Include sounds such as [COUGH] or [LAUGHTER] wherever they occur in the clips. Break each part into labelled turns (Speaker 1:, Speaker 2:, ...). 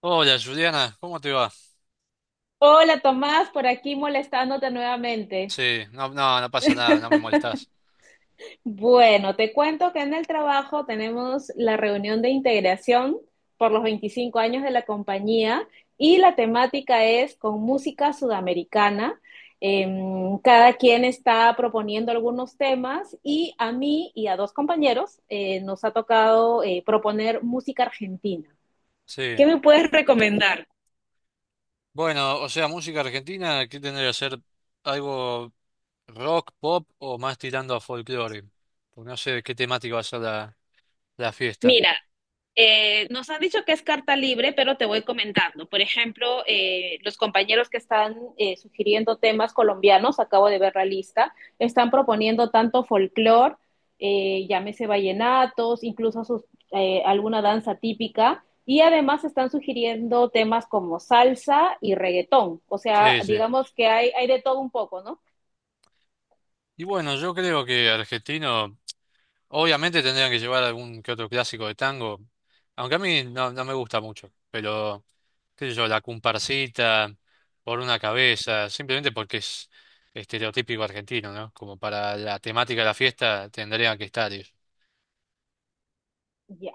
Speaker 1: Hola, Juliana, ¿cómo te va?
Speaker 2: Hola Tomás, por aquí molestándote nuevamente.
Speaker 1: Sí, no, no, no pasa nada, no me molestás.
Speaker 2: Bueno, te cuento que en el trabajo tenemos la reunión de integración por los 25 años de la compañía y la temática es con música sudamericana. Cada quien está proponiendo algunos temas y a mí y a dos compañeros nos ha tocado proponer música argentina. ¿Qué
Speaker 1: Sí.
Speaker 2: me puedes recomendar?
Speaker 1: Bueno, o sea, música argentina, ¿qué tendría que ser? ¿Algo rock, pop o más tirando a folclore? Porque no sé de qué temática va a ser la fiesta.
Speaker 2: Mira, nos han dicho que es carta libre, pero te voy comentando. Por ejemplo, los compañeros que están sugiriendo temas colombianos, acabo de ver la lista, están proponiendo tanto folclore, llámese vallenatos, incluso sus, alguna danza típica, y además están sugiriendo temas como salsa y reggaetón. O sea,
Speaker 1: Sí, sí.
Speaker 2: digamos que hay de todo un poco, ¿no?
Speaker 1: Y bueno, yo creo que argentino, obviamente tendrían que llevar algún que otro clásico de tango, aunque a mí no, no me gusta mucho, pero qué sé yo, la comparsita, por una cabeza, simplemente porque es estereotípico argentino, ¿no? Como para la temática de la fiesta tendría que estar ellos.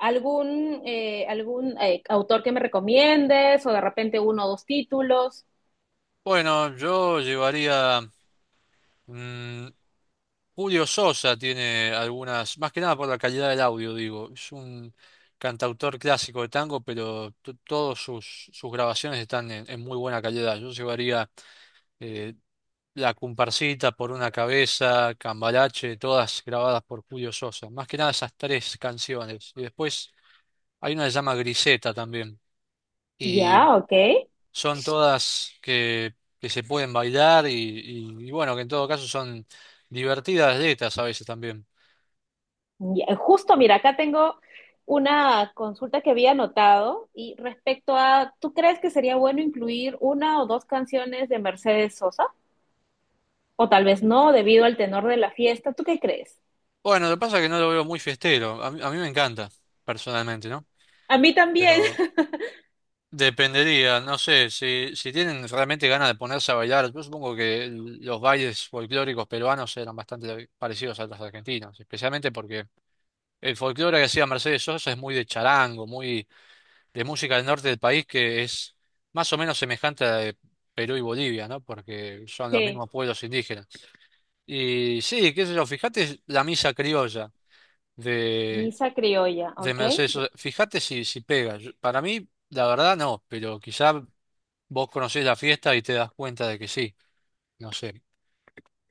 Speaker 2: ¿Algún autor que me recomiendes o de repente uno o dos títulos?
Speaker 1: Bueno, yo llevaría mm, Julio Sosa tiene algunas, más que nada por la calidad del audio, digo. Es un cantautor clásico de tango, pero todas sus grabaciones están en muy buena calidad. Yo llevaría eh, La Comparsita, por una cabeza, Cambalache, todas grabadas por Julio Sosa. Más que nada esas tres canciones. Y después hay una que se llama Griseta también. Y
Speaker 2: Ya, ok.
Speaker 1: son todas que se pueden bailar y bueno, que en todo caso son... Divertidas dietas a veces también.
Speaker 2: Ya, justo, mira, acá tengo una consulta que había anotado y respecto a, ¿tú crees que sería bueno incluir una o dos canciones de Mercedes Sosa? O tal vez no, debido al tenor de la fiesta. ¿Tú qué crees?
Speaker 1: Bueno, lo que pasa es que no lo veo muy fiestero. A mí me encanta, personalmente, ¿no?
Speaker 2: A mí también.
Speaker 1: Pero
Speaker 2: [LAUGHS]
Speaker 1: dependería, no sé, si tienen realmente ganas de ponerse a bailar, yo supongo que los bailes folclóricos peruanos eran bastante parecidos a los argentinos, especialmente porque el folclore que hacía Mercedes Sosa es muy de charango, muy de música del norte del país, que es más o menos semejante a la de Perú y Bolivia, ¿no? Porque son los
Speaker 2: Sí,
Speaker 1: mismos pueblos indígenas. Y sí, qué sé yo, fíjate la misa criolla de,
Speaker 2: Misa Criolla,
Speaker 1: de
Speaker 2: ok.
Speaker 1: Mercedes Sosa. Fíjate si pega. Yo... Para mí, la verdad no, pero quizá vos conocés la fiesta y te das cuenta de que sí. No sé.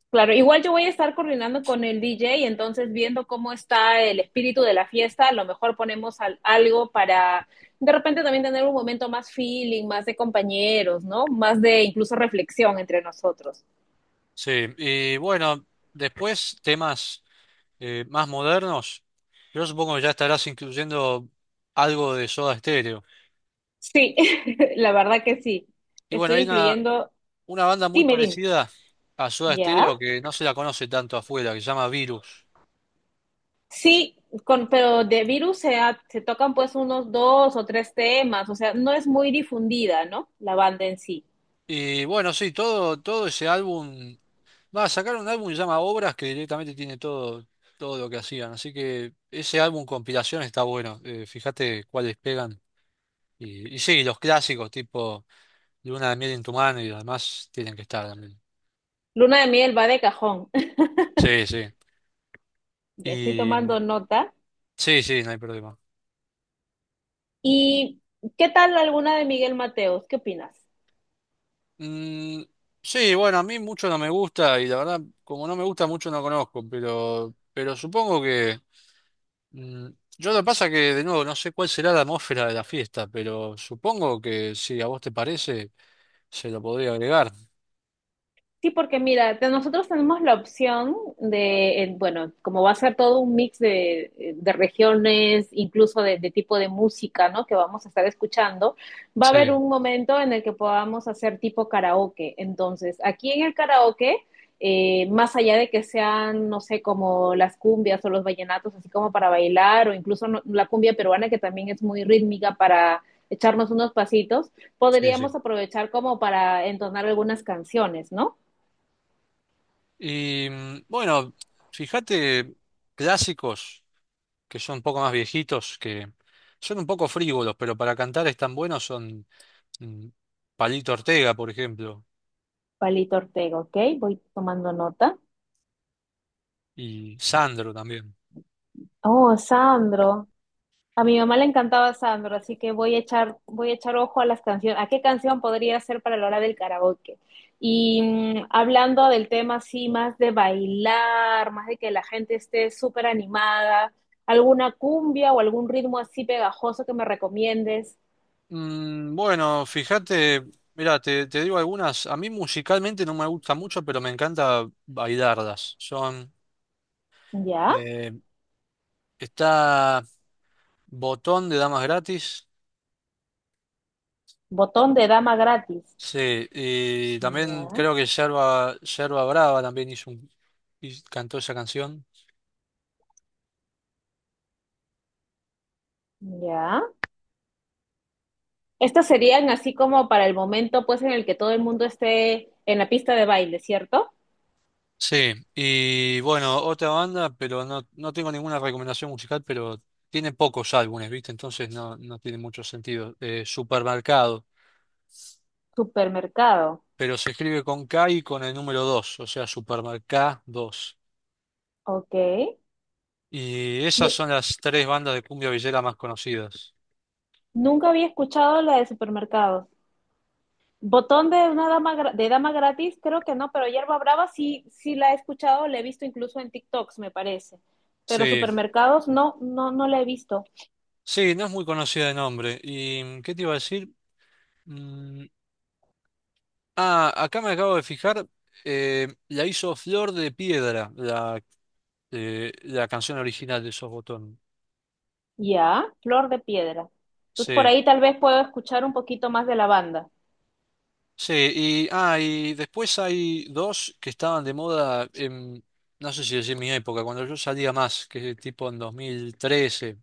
Speaker 2: Claro, igual yo voy a estar coordinando con el DJ, entonces viendo cómo está el espíritu de la fiesta, a lo mejor ponemos algo para de repente también tener un momento más feeling, más de compañeros, ¿no? Más de incluso reflexión entre nosotros.
Speaker 1: Sí, y bueno, después temas más modernos. Yo supongo que ya estarás incluyendo algo de Soda Stereo.
Speaker 2: Sí, [LAUGHS] la verdad que sí.
Speaker 1: Y bueno,
Speaker 2: Estoy
Speaker 1: hay
Speaker 2: incluyendo,
Speaker 1: una banda muy
Speaker 2: dime, dime,
Speaker 1: parecida a Soda
Speaker 2: ¿ya?
Speaker 1: Stereo que no se la conoce tanto afuera, que se llama Virus.
Speaker 2: Sí, con, pero de virus se tocan pues unos dos o tres temas, o sea, no es muy difundida, ¿no? La banda en sí.
Speaker 1: Y bueno, sí, todo ese álbum. Va a sacar un álbum que se llama Obras, que directamente tiene todo, todo lo que hacían. Así que ese álbum compilación está bueno. Fíjate cuáles pegan. Y sí, los clásicos, tipo Luna de miel en tu mano, y los demás tienen que estar también.
Speaker 2: Luna de miel va de cajón.
Speaker 1: Sí, sí.
Speaker 2: [LAUGHS] Ya estoy
Speaker 1: Y
Speaker 2: tomando nota.
Speaker 1: sí, sí, no hay problema.
Speaker 2: ¿Y qué tal alguna de Miguel Mateos? ¿Qué opinas?
Speaker 1: Mm, sí, bueno, a mí mucho no me gusta y la verdad, como no me gusta mucho no conozco, pero supongo que... mm, yo lo que pasa que, de nuevo, no sé cuál será la atmósfera de la fiesta, pero supongo que si a vos te parece, se lo podría agregar.
Speaker 2: Sí, porque mira, nosotros tenemos la opción bueno, como va a ser todo un mix de regiones, incluso de tipo de música, ¿no? Que vamos a estar escuchando, va a haber
Speaker 1: Sí,
Speaker 2: un momento en el que podamos hacer tipo karaoke. Entonces, aquí en el karaoke, más allá de que sean, no sé, como las cumbias o los vallenatos, así como para bailar, o incluso la cumbia peruana, que también es muy rítmica para echarnos unos pasitos,
Speaker 1: sí,
Speaker 2: podríamos
Speaker 1: sí.
Speaker 2: aprovechar como para entonar algunas canciones, ¿no?
Speaker 1: Y bueno, fíjate clásicos que son un poco más viejitos, que son un poco frívolos, pero para cantar están buenos. Son mm, Palito Ortega, por ejemplo,
Speaker 2: Palito Ortega, ¿ok? Voy tomando nota.
Speaker 1: y Sandro también.
Speaker 2: Oh, Sandro. A mi mamá le encantaba Sandro, así que voy a echar ojo a las canciones, a qué canción podría ser para la hora del karaoke. Y hablando del tema así, más de bailar, más de que la gente esté súper animada, alguna cumbia o algún ritmo así pegajoso que me recomiendes.
Speaker 1: Bueno, fíjate, mira, te digo algunas. A mí musicalmente no me gusta mucho, pero me encanta bailarlas. Son,
Speaker 2: ¿Ya?
Speaker 1: eh, está Botón de Damas Gratis.
Speaker 2: Botón de dama gratis.
Speaker 1: Sí, y también
Speaker 2: ¿Ya?
Speaker 1: creo que Yerba Brava también hizo un, y cantó esa canción.
Speaker 2: ¿Ya? Estas serían así como para el momento, pues, en el que todo el mundo esté en la pista de baile, ¿cierto?
Speaker 1: Sí, y bueno, otra banda, pero no, no tengo ninguna recomendación musical, pero tiene pocos álbumes, ¿viste? Entonces no, no tiene mucho sentido. Supermercado,
Speaker 2: Supermercado.
Speaker 1: pero se escribe con K y con el número 2, o sea, Supermercado dos.
Speaker 2: Ok.
Speaker 1: Y esas
Speaker 2: Mi-
Speaker 1: son las tres bandas de cumbia villera más conocidas.
Speaker 2: Nunca había escuchado la de supermercado. Botón de dama gratis, creo que no, pero hierba brava sí, sí la he escuchado, la he visto incluso en TikToks, me parece. Pero
Speaker 1: Sí,
Speaker 2: supermercados no, no, no la he visto.
Speaker 1: sí, no es muy conocida de nombre. ¿Y qué te iba a decir? Mm, ah, acá me acabo de fijar, la hizo Flor de Piedra, la canción original de esos botones.
Speaker 2: Ya, flor de piedra. Entonces por
Speaker 1: Sí,
Speaker 2: ahí tal vez puedo escuchar un poquito más de la banda.
Speaker 1: sí, y ah, y después hay dos que estaban de moda en... no sé si decir mi época, cuando yo salía más, que tipo en 2013,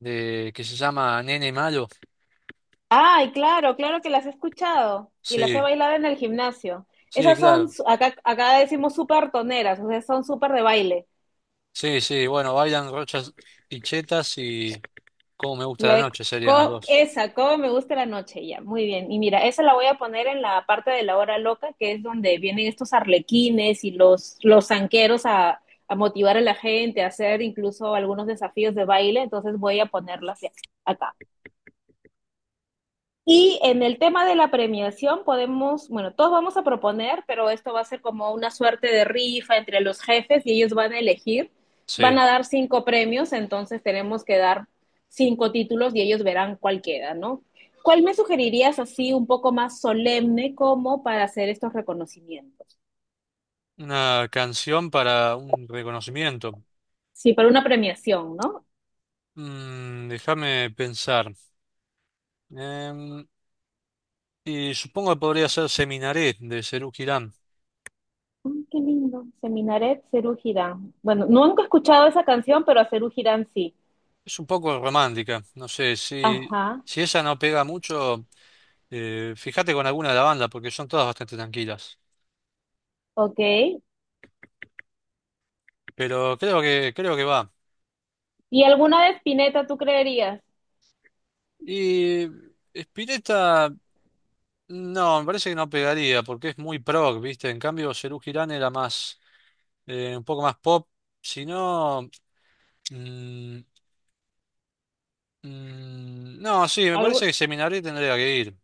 Speaker 1: de que se llama Nene Malo.
Speaker 2: Ay, claro, claro que las he escuchado y las he
Speaker 1: Sí,
Speaker 2: bailado en el gimnasio.
Speaker 1: sí,
Speaker 2: Esas son,
Speaker 1: claro.
Speaker 2: su- acá, acá decimos súper toneras, o sea, son súper de baile.
Speaker 1: Sí, sí, bueno, bailan Rochas y Chetas, y Cómo me
Speaker 2: Y
Speaker 1: gusta
Speaker 2: la
Speaker 1: la
Speaker 2: de
Speaker 1: noche serían las dos.
Speaker 2: esa, cómo me gusta la noche, ya, muy bien. Y mira, esa la voy a poner en la parte de la hora loca, que es donde vienen estos arlequines y los zanqueros a motivar a la gente, a hacer incluso algunos desafíos de baile. Entonces voy a ponerlas ya, acá. Y en el tema de la premiación podemos, bueno, todos vamos a proponer, pero esto va a ser como una suerte de rifa entre los jefes y ellos van a elegir. Van
Speaker 1: Sí,
Speaker 2: a dar cinco premios, entonces tenemos que dar cinco títulos y ellos verán cuál queda, ¿no? ¿Cuál me sugerirías así un poco más solemne como para hacer estos reconocimientos?
Speaker 1: una canción para un reconocimiento.
Speaker 2: Sí, para una premiación, ¿no?
Speaker 1: Déjame pensar. Em, y supongo que podría ser Seminaré de Serú Girán.
Speaker 2: Mm, qué lindo. Seminaret Serú Girán. Bueno, nunca he escuchado esa canción, pero a Serú Girán sí.
Speaker 1: Es un poco romántica, no sé,
Speaker 2: Ajá,
Speaker 1: si esa no pega mucho, fíjate con alguna de la banda porque son todas bastante tranquilas.
Speaker 2: ok.
Speaker 1: Pero creo que va.
Speaker 2: ¿Y alguna de Spinetta tú creerías?
Speaker 1: Y Spinetta, no, me parece que no pegaría porque es muy prog, ¿viste? En cambio, Serú Girán era más, un poco más pop. Si no, mm, no, sí, me
Speaker 2: ¿Algún...
Speaker 1: parece que Seminari tendría que ir.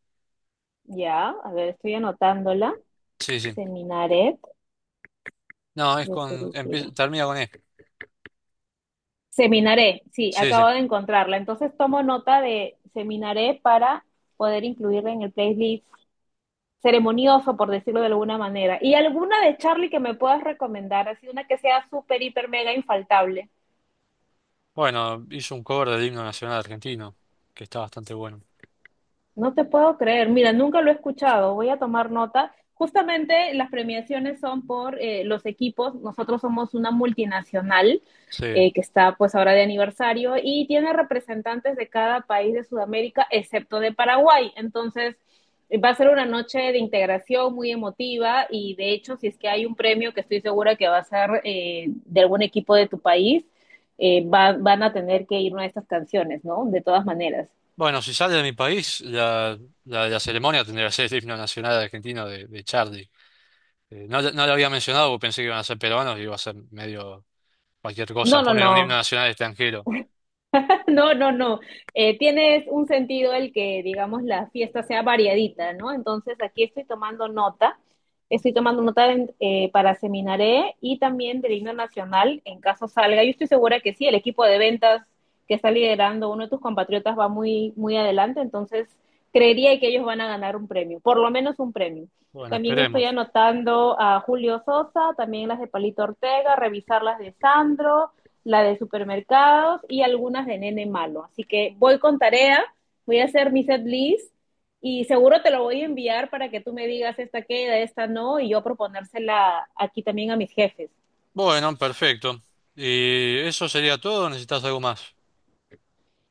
Speaker 2: Ya, a ver, estoy anotándola.
Speaker 1: Sí, sí.
Speaker 2: Seminaret
Speaker 1: No, es
Speaker 2: de
Speaker 1: con,
Speaker 2: Cerúgira.
Speaker 1: termina con E.
Speaker 2: Seminaré, sí,
Speaker 1: Sí, sí.
Speaker 2: acabo de encontrarla. Entonces tomo nota de Seminaré para poder incluirla en el playlist ceremonioso, por decirlo de alguna manera. ¿Y alguna de Charlie que me puedas recomendar? Así una que sea súper, hiper, mega infaltable.
Speaker 1: Bueno, hizo un cover del himno nacional argentino, que está bastante bueno.
Speaker 2: No te puedo creer. Mira, nunca lo he escuchado. Voy a tomar nota. Justamente las premiaciones son por los equipos. Nosotros somos una multinacional
Speaker 1: Sí.
Speaker 2: que está pues ahora de aniversario y tiene representantes de cada país de Sudamérica, excepto de Paraguay. Entonces, va a ser una noche de integración muy emotiva y de hecho, si es que hay un premio que estoy segura que va a ser de algún equipo de tu país, van a tener que ir una de estas canciones, ¿no? De todas maneras.
Speaker 1: Bueno, si sale de mi país, la ceremonia tendría que ser el himno nacional argentino de Charlie. No, no lo había mencionado porque pensé que iban a ser peruanos y iba a ser medio cualquier cosa.
Speaker 2: No, no,
Speaker 1: Ponen un himno
Speaker 2: no.
Speaker 1: nacional extranjero.
Speaker 2: [LAUGHS] No, no, no. Tiene un sentido el que, digamos, la fiesta sea variadita, ¿no? Entonces aquí estoy tomando nota. Estoy tomando nota para Seminaré y también del himno nacional en caso salga. Yo estoy segura que sí, el equipo de ventas que está liderando uno de tus compatriotas va muy, muy adelante, entonces creería que ellos van a ganar un premio, por lo menos un premio.
Speaker 1: Bueno,
Speaker 2: También estoy
Speaker 1: esperemos.
Speaker 2: anotando a Julio Sosa, también las de Palito Ortega, revisar las de Sandro, la de supermercados y algunas de nene malo. Así que voy con tarea, voy a hacer mi set list y seguro te lo voy a enviar para que tú me digas esta queda, esta no, y yo proponérsela aquí también a mis jefes.
Speaker 1: Bueno, perfecto. ¿Y eso sería todo, o necesitas algo más?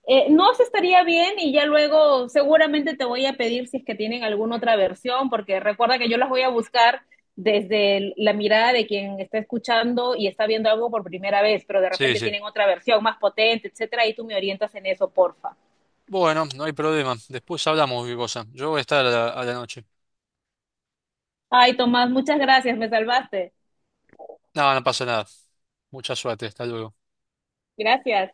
Speaker 2: No se estaría bien y ya luego seguramente te voy a pedir si es que tienen alguna otra versión, porque recuerda que yo las voy a buscar desde la mirada de quien está escuchando y está viendo algo por primera vez, pero de
Speaker 1: Sí,
Speaker 2: repente
Speaker 1: sí.
Speaker 2: tienen otra versión más potente, etcétera, y tú me orientas en eso, porfa.
Speaker 1: Bueno, no hay problema. Después hablamos qué cosa. Yo voy a estar a la noche.
Speaker 2: Ay, Tomás, muchas gracias, me salvaste.
Speaker 1: No, no pasa nada. Mucha suerte. Hasta luego.
Speaker 2: Gracias.